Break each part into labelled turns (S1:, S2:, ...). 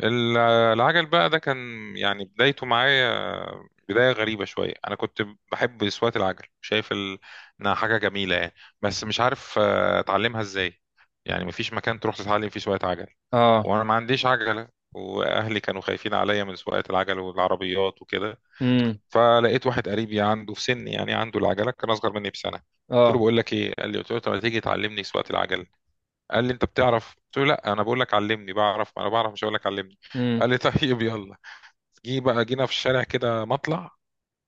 S1: ال- العجل بقى ده كان يعني بدايته معايا، بداية غريبة شوية. أنا كنت بحب سواقة العجل، شايف إنها حاجة جميلة يعني، بس مش عارف أتعلمها إزاي. يعني مفيش مكان تروح تتعلم فيه سواقة عجل،
S2: اه.
S1: وأنا ما عنديش عجلة، وأهلي كانوا خايفين عليا من سواقة العجل والعربيات وكده.
S2: امم.
S1: فلقيت واحد قريبي عنده في سني، يعني عنده العجلة، كان أصغر مني بسنة. قلت له
S2: اه.
S1: بقول لك إيه، قال لي، قلت له طب ما تيجي تعلمني سواقة العجل. قال لي انت بتعرف، قلت له لا انا بقول لك علمني، بعرف ما انا بعرف، مش هقول لك علمني.
S2: امم.
S1: قال لي طيب يلا. جه بقى، جينا في الشارع كده مطلع،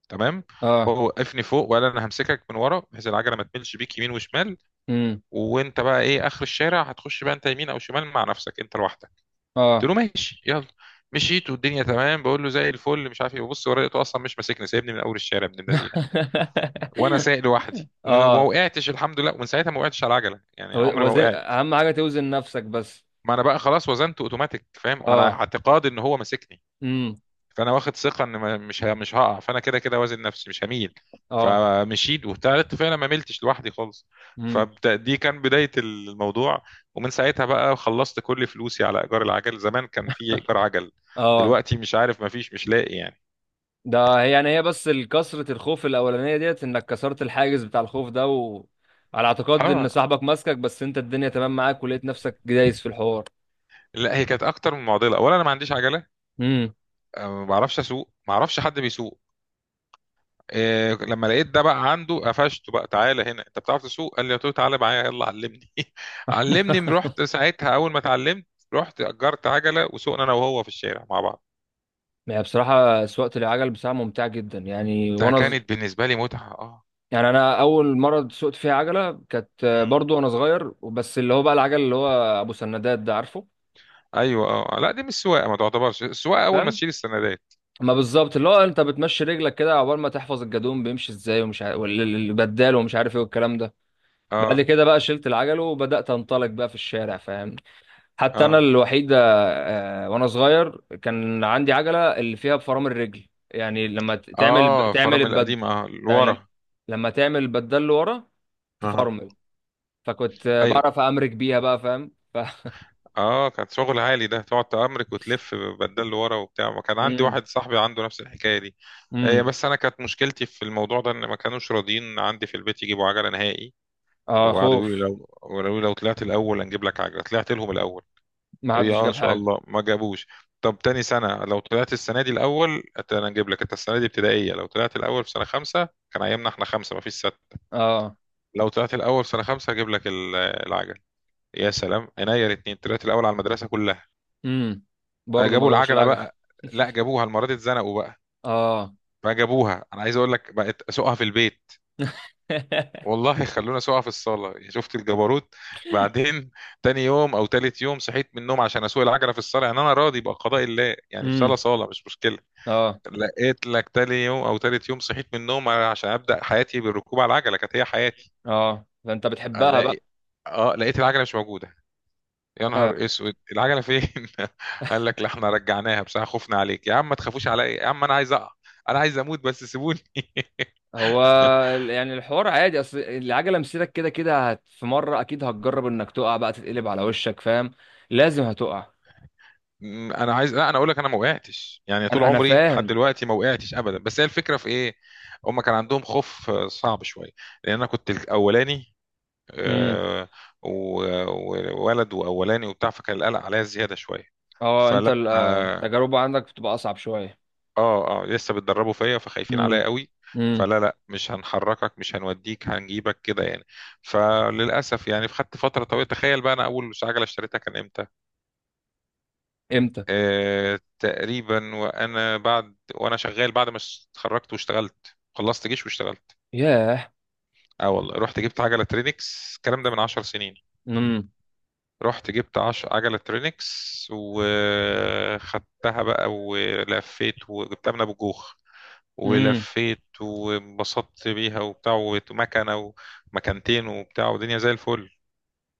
S1: تمام.
S2: اه.
S1: هو وقفني فوق وقال انا همسكك من ورا بحيث العجله ما تملش بيك يمين وشمال،
S2: امم.
S1: وانت بقى ايه اخر الشارع هتخش بقى انت يمين او شمال مع نفسك انت لوحدك. قلت
S2: اه.
S1: له ماشي يلا. مشيت والدنيا تمام، بقول له زي الفل مش عارف ايه، ببص ورايا لقيته اصلا مش ماسكني، سايبني من اول الشارع ابن اللذينه. وانا سايق لوحدي ومن ما
S2: اه.
S1: وقعتش الحمد لله، ومن ساعتها ما وقعتش على العجله يعني، عمري ما
S2: وزن
S1: وقعت.
S2: اهم حاجه توزن نفسك بس.
S1: ما انا بقى خلاص وزنته اوتوماتيك فاهم، على
S2: اه.
S1: اعتقاد ان هو ماسكني،
S2: امم.
S1: فانا واخد ثقه ان مش هقع، فانا كده كده وازن نفسي مش هميل.
S2: اه.
S1: فمشيت وابتديت فعلا ما ملتش لوحدي خالص.
S2: امم.
S1: فدي كان بدايه الموضوع. ومن ساعتها بقى خلصت كل فلوسي على ايجار العجل، زمان كان في ايجار عجل،
S2: اه.
S1: دلوقتي مش عارف، ما فيش، مش لاقي يعني.
S2: ده هي يعني هي بس كسرة الخوف الاولانيه ديت، انك كسرت الحاجز بتاع الخوف ده وعلى اعتقاد ان
S1: اه.
S2: صاحبك ماسكك، بس انت الدنيا تمام معاك ولقيت نفسك دايس في الحوار.
S1: لا هي كانت اكتر من معضله، اولا انا ما عنديش عجله،
S2: امم.
S1: ما بعرفش اسوق، ما اعرفش حد بيسوق. إيه، لما لقيت ده بقى عنده قفشته بقى، تعالى هنا انت بتعرف تسوق، قال لي، قلت له تعالى معايا يلا علمني. علمني، رحت ساعتها اول ما اتعلمت رحت اجرت عجله، وسوقنا انا وهو في الشارع مع بعض.
S2: هي بصراحه سواقه العجل بصراحه ممتعه جدا، يعني
S1: ده
S2: وانا
S1: كانت بالنسبه لي متعه، اه.
S2: يعني انا اول مره سوقت فيها عجله كانت
S1: مم.
S2: برضو وانا صغير، وبس اللي هو بقى العجل اللي هو ابو سندات ده، عارفه؟
S1: ايوه اه، لا دي مش سواقه، ما تعتبرش السواقه اول ما
S2: فاهم.
S1: تشيل السندات.
S2: ما بالظبط اللي هو انت بتمشي رجلك كده عقبال ما تحفظ الجدون بيمشي ازاي ومش عارف، والبدال ومش عارف ايه والكلام ده. بعد
S1: اه
S2: كده بقى شلت العجل وبدات انطلق بقى في الشارع، فاهم؟ حتى انا
S1: اه
S2: الوحيد وانا صغير كان عندي عجله اللي فيها بفرامل الرجل، يعني لما ت- تعمل
S1: اه،
S2: تعمل
S1: فرامل
S2: البد،
S1: القديمه اه،
S2: لما
S1: لورا.
S2: لما تعمل البدال لورا
S1: اه
S2: تفرمل. فكنت
S1: ايوه
S2: بعرف امرك بيها بقى، فاهم؟ ف.
S1: اه، كان شغل عالي ده، تقعد تأمرك وتلف بدل لورا وبتاع، ما كان عندي
S2: امم.
S1: واحد صاحبي عنده نفس الحكاية دي. هي
S2: امم.
S1: بس انا كانت مشكلتي في الموضوع ده ان ما كانوش راضيين عندي في البيت يجيبوا عجلة نهائي.
S2: اه.
S1: وقعدوا يقولوا لي
S2: خوف.
S1: لو، قالوا لي لو طلعت الاول هنجيب لك عجلة. طلعت لهم الاول،
S2: ما
S1: قالوا لي
S2: حدش
S1: اه ان
S2: جاب
S1: شاء
S2: حاجه.
S1: الله، ما جابوش. طب تاني سنة، لو طلعت السنة دي الاول انا هنجيب لك. انت السنة دي ابتدائية، لو طلعت الاول في سنة خمسة، كان ايامنا احنا خمسة ما فيش ستة،
S2: اه.
S1: لو طلعت الاول في سنة خمسة هجيب لك العجل. يا سلام، عينيا الاتنين، طلعت الاول على المدرسة كلها.
S2: امم. برضه ما
S1: جابوا
S2: جابوش
S1: العجله
S2: العجل.
S1: بقى. لا جابوها، المره دي اتزنقوا بقى،
S2: اه.
S1: فجابوها. انا عايز اقول لك بقت اسوقها في البيت، والله خلونا اسوقها في الصاله، يا شفت الجبروت. بعدين تاني يوم او تالت يوم صحيت من النوم عشان اسوق العجله في الصاله، يعني انا راضي بقضاء الله يعني، في
S2: امم.
S1: صاله، صاله مش مشكله.
S2: اه.
S1: لقيت لك تاني يوم او تالت يوم صحيت من النوم عشان ابدا حياتي بالركوب على العجله، كانت هي حياتي.
S2: اه فانت بتحبها
S1: الاقي،
S2: بقى.
S1: اه، لقيت العجله مش موجوده. يا
S2: آه.
S1: نهار اسود، العجله فين؟ قال لك لا احنا رجعناها بصراحه خفنا عليك. يا عم ما تخافوش عليا يا عم، انا عايز اقع، انا عايز اموت بس سيبوني.
S2: هو يعني الحوار عادي، اصل العجله مسيرك كده كده هت، في مره اكيد هتجرب انك تقع بقى تتقلب على وشك، فاهم؟ لازم هتقع.
S1: م- انا عايز لا انا اقول لك انا ما وقعتش، يعني طول
S2: انا
S1: عمري لحد
S2: فاهم.
S1: دلوقتي ما وقعتش ابدا، بس هي الفكره في ايه، هم كان عندهم خوف، صعب شويه، لان انا كنت الاولاني،
S2: امم.
S1: آه، و- وولد واولاني وبتاع، فكان القلق عليا زياده شويه.
S2: اه انت
S1: فلا
S2: التجربه عندك بتبقى اصعب شويه.
S1: اه اه، لسه بتدربوا فيا، فخايفين
S2: امم.
S1: عليا قوي،
S2: امم.
S1: فلا لا، مش هنحركك، مش هنوديك، هنجيبك كده يعني. فللاسف يعني خدت فتره طويله، تخيل بقى انا اول عجله اشتريتها كان امتى؟
S2: امتى؟
S1: تقريبا وانا بعد وانا شغال، بعد ما اتخرجت واشتغلت، خلصت جيش واشتغلت،
S2: ياه.
S1: اه والله رحت جبت عجله ترينكس. الكلام ده من عشر سنين.
S2: امم.
S1: رحت جبت عجله ترينكس، وخدتها بقى ولفيت، وجبتها من ابو جوخ،
S2: امم.
S1: ولفيت وانبسطت بيها وبتاع، ومكنة ومكانتين وبتاع ودنيا زي الفل.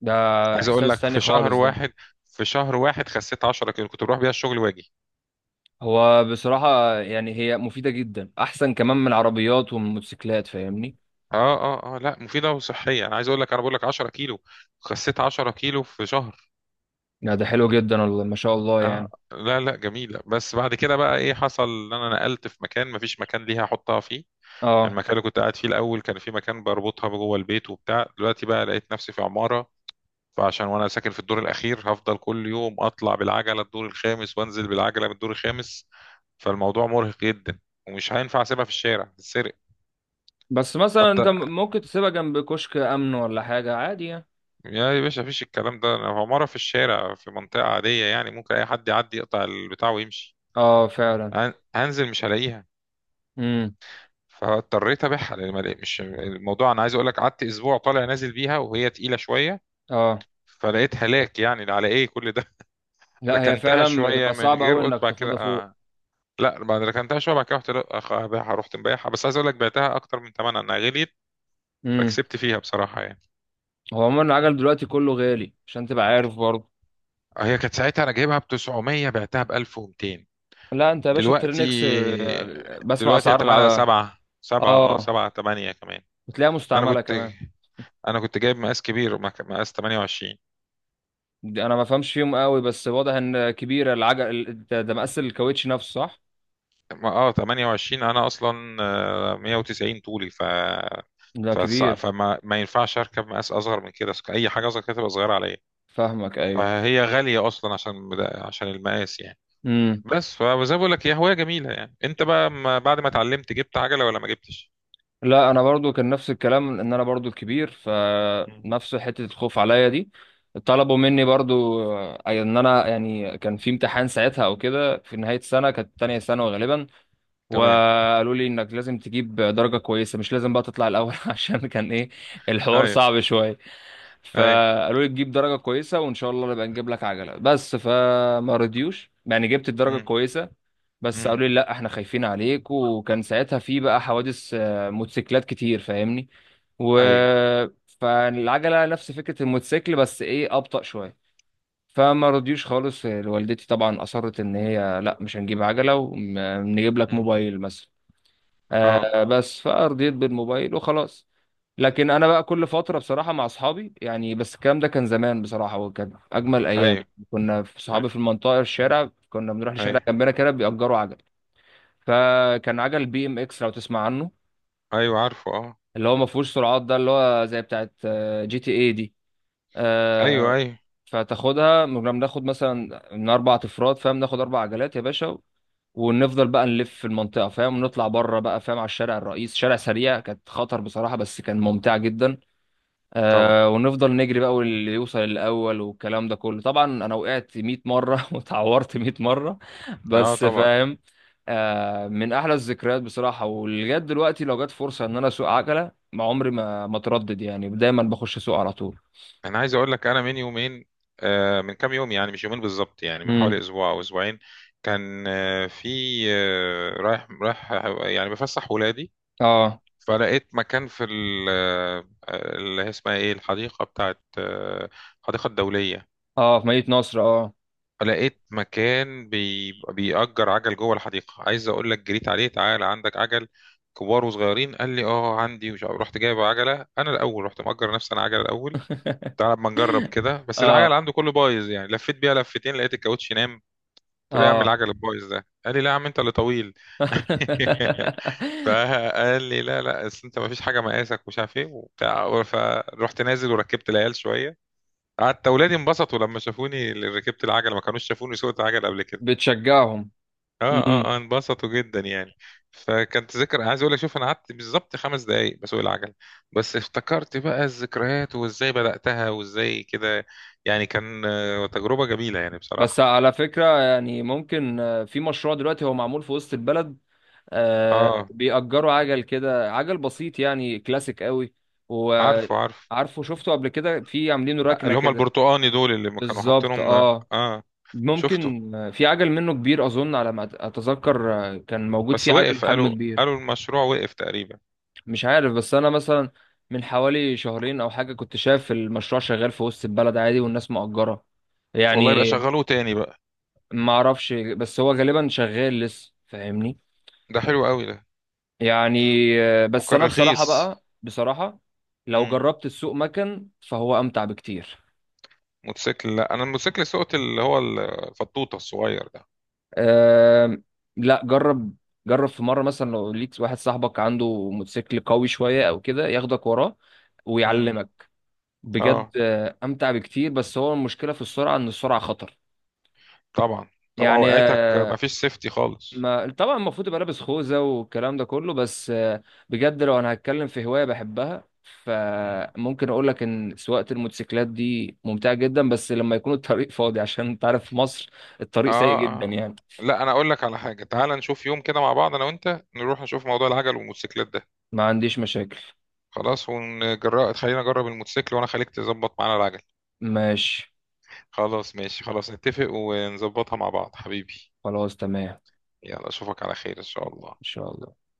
S2: ده
S1: عايز اقول
S2: احساس
S1: لك
S2: تاني
S1: في شهر
S2: خالص ده.
S1: واحد، خسيت 10 كيلو، كنت بروح بيها الشغل واجي.
S2: هو بصراحة يعني هي مفيدة جدا احسن كمان من العربيات والموتوسيكلات، فاهمني؟
S1: اه اه اه، لا مفيدة وصحية، انا عايز اقول لك، انا بقول لك 10 كيلو، خسيت 10 كيلو في شهر.
S2: لا ده حلو جدا والله ما شاء الله يعني.
S1: لا لا جميلة، بس بعد كده بقى ايه حصل، ان انا نقلت في مكان مفيش مكان ليها احطها فيه.
S2: اه
S1: المكان اللي كنت قاعد فيه الاول كان في مكان بربطها جوه البيت وبتاع، دلوقتي بقى لقيت نفسي في عمارة، فعشان وانا ساكن في الدور الاخير هفضل كل يوم اطلع بالعجله الدور الخامس وانزل بالعجله من الدور الخامس، فالموضوع مرهق جدا، ومش هينفع اسيبها في الشارع تتسرق.
S2: بس مثلا
S1: حتى
S2: انت ممكن تسيبها جنب كشك امن ولا حاجة عادي يعني.
S1: يا باشا مفيش الكلام ده، انا مره في الشارع في منطقه عاديه يعني، ممكن اي حد يعدي يقطع البتاع ويمشي،
S2: اه فعلا.
S1: هنزل مش هلاقيها.
S2: امم.
S1: فاضطريت ابيعها لان ما لقيت، مش الموضوع، انا عايز اقول لك قعدت اسبوع طالع نازل بيها وهي تقيله شويه،
S2: اه
S1: فلقيت هلاك يعني على ايه كل ده.
S2: لا هي
S1: ركنتها
S2: فعلا
S1: شويه
S2: بتبقى
S1: من
S2: صعبة
S1: غير،
S2: قوي
S1: قلت
S2: انك
S1: بعد كده
S2: تاخدها فوق.
S1: آه لا بعد ما ركنتها شويه بعد كده رحت ابيعها، رحت مبيعها، بس عايز اقول لك بعتها اكتر من ثمنها، انها غليت،
S2: امم.
S1: فكسبت فيها بصراحه يعني.
S2: هو عموما العجل دلوقتي كله غالي عشان تبقى عارف برضه.
S1: هي كانت ساعتها انا جايبها ب 900 بعتها ب 1200.
S2: لا انت يا باشا
S1: دلوقتي،
S2: الترينكس بسمع
S1: هي
S2: اسعار
S1: ثمنها 7، 7 اه،
S2: اه.
S1: 7، 8 كمان.
S2: وتلاقيها
S1: انا
S2: مستعملة
S1: كنت
S2: كمان.
S1: انا كنت جايب مقاس كبير، مقاس 28،
S2: دي انا ما فهمش فيهم قوي بس واضح ان كبيره، العجل ده مقاس الكاوتش نفسه، صح؟
S1: 28، انا اصلا 190 طولي،
S2: ده
S1: فص-
S2: كبير.
S1: فما ما ينفعش اركب مقاس اصغر من كده، اي حاجه اصغر كده تبقى صغيره عليا.
S2: فاهمك، ايوه.
S1: فهي غالية أصلا عشان المقاس يعني.
S2: امم.
S1: بس فزي ما بقول لك هي هواية جميلة يعني. أنت بقى ما بعد ما اتعلمت جبت عجلة ولا ما جبتش؟
S2: لا انا برضو كان نفس الكلام، ان انا برضو الكبير
S1: مم.
S2: فنفس حته الخوف عليا دي. طلبوا مني برضو ان انا يعني كان في امتحان ساعتها او كده، في نهايه السنه كانت تانية ثانوي غالبا.
S1: تمام.
S2: وقالوا لي انك لازم تجيب درجه كويسه، مش لازم بقى تطلع الاول عشان كان ايه الحوار
S1: أيوه.
S2: صعب شويه.
S1: أيوه.
S2: فقالوا لي تجيب درجة كويسة وإن شاء الله نبقى نجيب لك عجلة، بس فما رضيوش يعني. جبت الدرجة
S1: مم.
S2: كويسة بس
S1: مم.
S2: قالوا لي لا احنا خايفين عليك، وكان ساعتها في بقى حوادث موتوسيكلات كتير فاهمني. و
S1: أيوه.
S2: فالعجلة نفس فكرة الموتوسيكل بس ايه أبطأ شوية. فما رضيوش خالص، والدتي طبعا أصرت إن هي لا مش هنجيب عجلة، ونجيب لك
S1: مم.
S2: موبايل مثلا.
S1: أه.
S2: آه بس فرضيت بالموبايل وخلاص. لكن انا بقى كل فتره بصراحه مع اصحابي يعني، بس الكلام ده كان زمان بصراحه وكان اجمل ايام.
S1: أيوه.
S2: كنا في صحابي
S1: أيوه.
S2: في المنطقه الشارع، كنا بنروح لشارع
S1: أيوه.
S2: جنبنا كده بيأجروا عجل. فكان عجل بي ام اكس لو تسمع عنه،
S1: أيوه عارفه، أه.
S2: اللي هو ما فيهوش سرعات، ده اللي هو زي بتاعت جي تي اي دي
S1: أيوه
S2: آه،
S1: أيوه.
S2: فتاخدها. كنا بناخد مثلا من اربع افراد، فاهم؟ ناخد اربع عجلات يا باشا، ونفضل بقى نلف في المنطقه، فاهم؟ ونطلع بره بقى، فاهم؟ على الشارع الرئيس، شارع سريع، كانت خطر بصراحه بس كان ممتع جدا.
S1: طبعا.
S2: آه ونفضل نجري بقى واللي يوصل الاول والكلام ده كله. طبعا انا وقعت 100 مره وتعورت 100 مره.
S1: أه
S2: بس
S1: طبعا.
S2: فاهم؟ آه من احلى الذكريات بصراحه، ولغايه دلوقتي لو جت فرصه ان انا اسوق عجله ما عمري ما اتردد، يعني دايما بخش اسوق على طول.
S1: أنا عايز أقول لك، أنا من يومين، من كام يوم يعني، مش يومين بالظبط يعني، من حوالي
S2: امم.
S1: أسبوع أو أسبوعين، كان آه، في آه، رايح رايح، يعني بفسح ولادي،
S2: اه.
S1: فلقيت مكان في اللي هي اسمها ايه، الحديقة بتاعت، الحديقة الدولية.
S2: اه في مدينه نصر، اه.
S1: فلقيت مكان بيأجر عجل جوه الحديقة. عايز اقول لك جريت عليه، تعالى عندك عجل كبار وصغيرين؟ قال لي اه عندي، مش عارف. رحت جايب عجلة، انا الاول رحت مأجر نفسي انا عجلة الاول، تعالى اما نجرب كده، بس العجل
S2: اه.
S1: عنده كله بايظ يعني، لفيت بيها لفتين لقيت الكاوتش نام. قلت له يا عم
S2: اه.
S1: العجل البايظ ده، قال لي لا يا عم انت اللي طويل. فقال لي لا لا، اصل انت ما فيش حاجه مقاسك ومش عارف ايه وبتاع. فرحت نازل وركبت العيال شويه، قعدت اولادي انبسطوا لما شافوني، اللي ركبت العجله، ما كانوش شافوني سوقت عجل قبل كده.
S2: بتشجعهم.
S1: اه اه
S2: امم.
S1: اه، انبسطوا جدا يعني. فكانت ذكرى، عايز اقول لك شوف، انا قعدت بالظبط خمس دقائق بسوق العجل، بس افتكرت بقى الذكريات، وازاي بداتها وازاي كده، يعني كان تجربه جميله يعني
S2: بس
S1: بصراحه.
S2: على فكرة يعني ممكن في مشروع دلوقتي هو معمول في وسط البلد. آه
S1: اه
S2: بيأجروا عجل كده، عجل بسيط يعني كلاسيك قوي.
S1: عارفه عارفه،
S2: وعارفه شفته قبل كده، في عاملينه ركنة
S1: اللي هم
S2: كده.
S1: البرتقاني دول اللي ما كانوا
S2: بالظبط
S1: حاطينهم،
S2: اه.
S1: اه. شفته،
S2: ممكن في عجل منه كبير اظن، على ما اتذكر كان موجود
S1: بس
S2: في عجل
S1: وقف،
S2: بحجم كبير.
S1: قالوا المشروع وقف تقريبا.
S2: مش عارف، بس انا مثلا من حوالي شهرين او حاجة كنت شايف المشروع شغال في وسط البلد عادي، والناس مأجرة
S1: والله يبقى
S2: يعني.
S1: شغلوه تاني بقى.
S2: ما اعرفش بس هو غالبا شغال لسه، فاهمني؟
S1: ده حلو قوي ده.
S2: يعني بس
S1: وكان
S2: انا بصراحه
S1: رخيص.
S2: بقى بصراحه لو
S1: امم.
S2: جربت السوق مكن فهو امتع بكتير.
S1: موتوسيكل، لا انا الموتوسيكل سوقت اللي هو الفطوطه الصغير ده.
S2: أم. لا جرب، جرب في مره مثلا لو ليك واحد صاحبك عنده موتوسيكل قوي شويه او كده ياخدك وراه
S1: امم.
S2: ويعلمك. بجد
S1: اه
S2: امتع بكتير، بس هو المشكله في السرعه ان السرعه خطر
S1: طبعا. طبعا،
S2: يعني
S1: وقعتك مفيش سيفتي خالص.
S2: ما طبعا. المفروض يبقى لابس خوذة والكلام ده كله، بس بجد لو انا هتكلم في هواية بحبها
S1: مم.
S2: فممكن اقول لك ان سواقة الموتوسيكلات دي ممتعة جدا، بس لما يكون الطريق فاضي عشان انت عارف في مصر الطريق سيء
S1: اه
S2: جدا
S1: اه،
S2: يعني.
S1: لا انا اقول لك على حاجه، تعال نشوف يوم كده مع بعض انا وانت، نروح نشوف موضوع العجل والموتوسيكلات ده.
S2: ما عنديش مشاكل.
S1: خلاص ونجرب، خلينا نجرب الموتوسيكل وانا خليك تظبط معانا العجل.
S2: ماشي
S1: خلاص ماشي، خلاص نتفق ونظبطها مع بعض حبيبي.
S2: خلاص تمام.
S1: يلا اشوفك على خير ان شاء
S2: ان
S1: الله.
S2: شاء الله.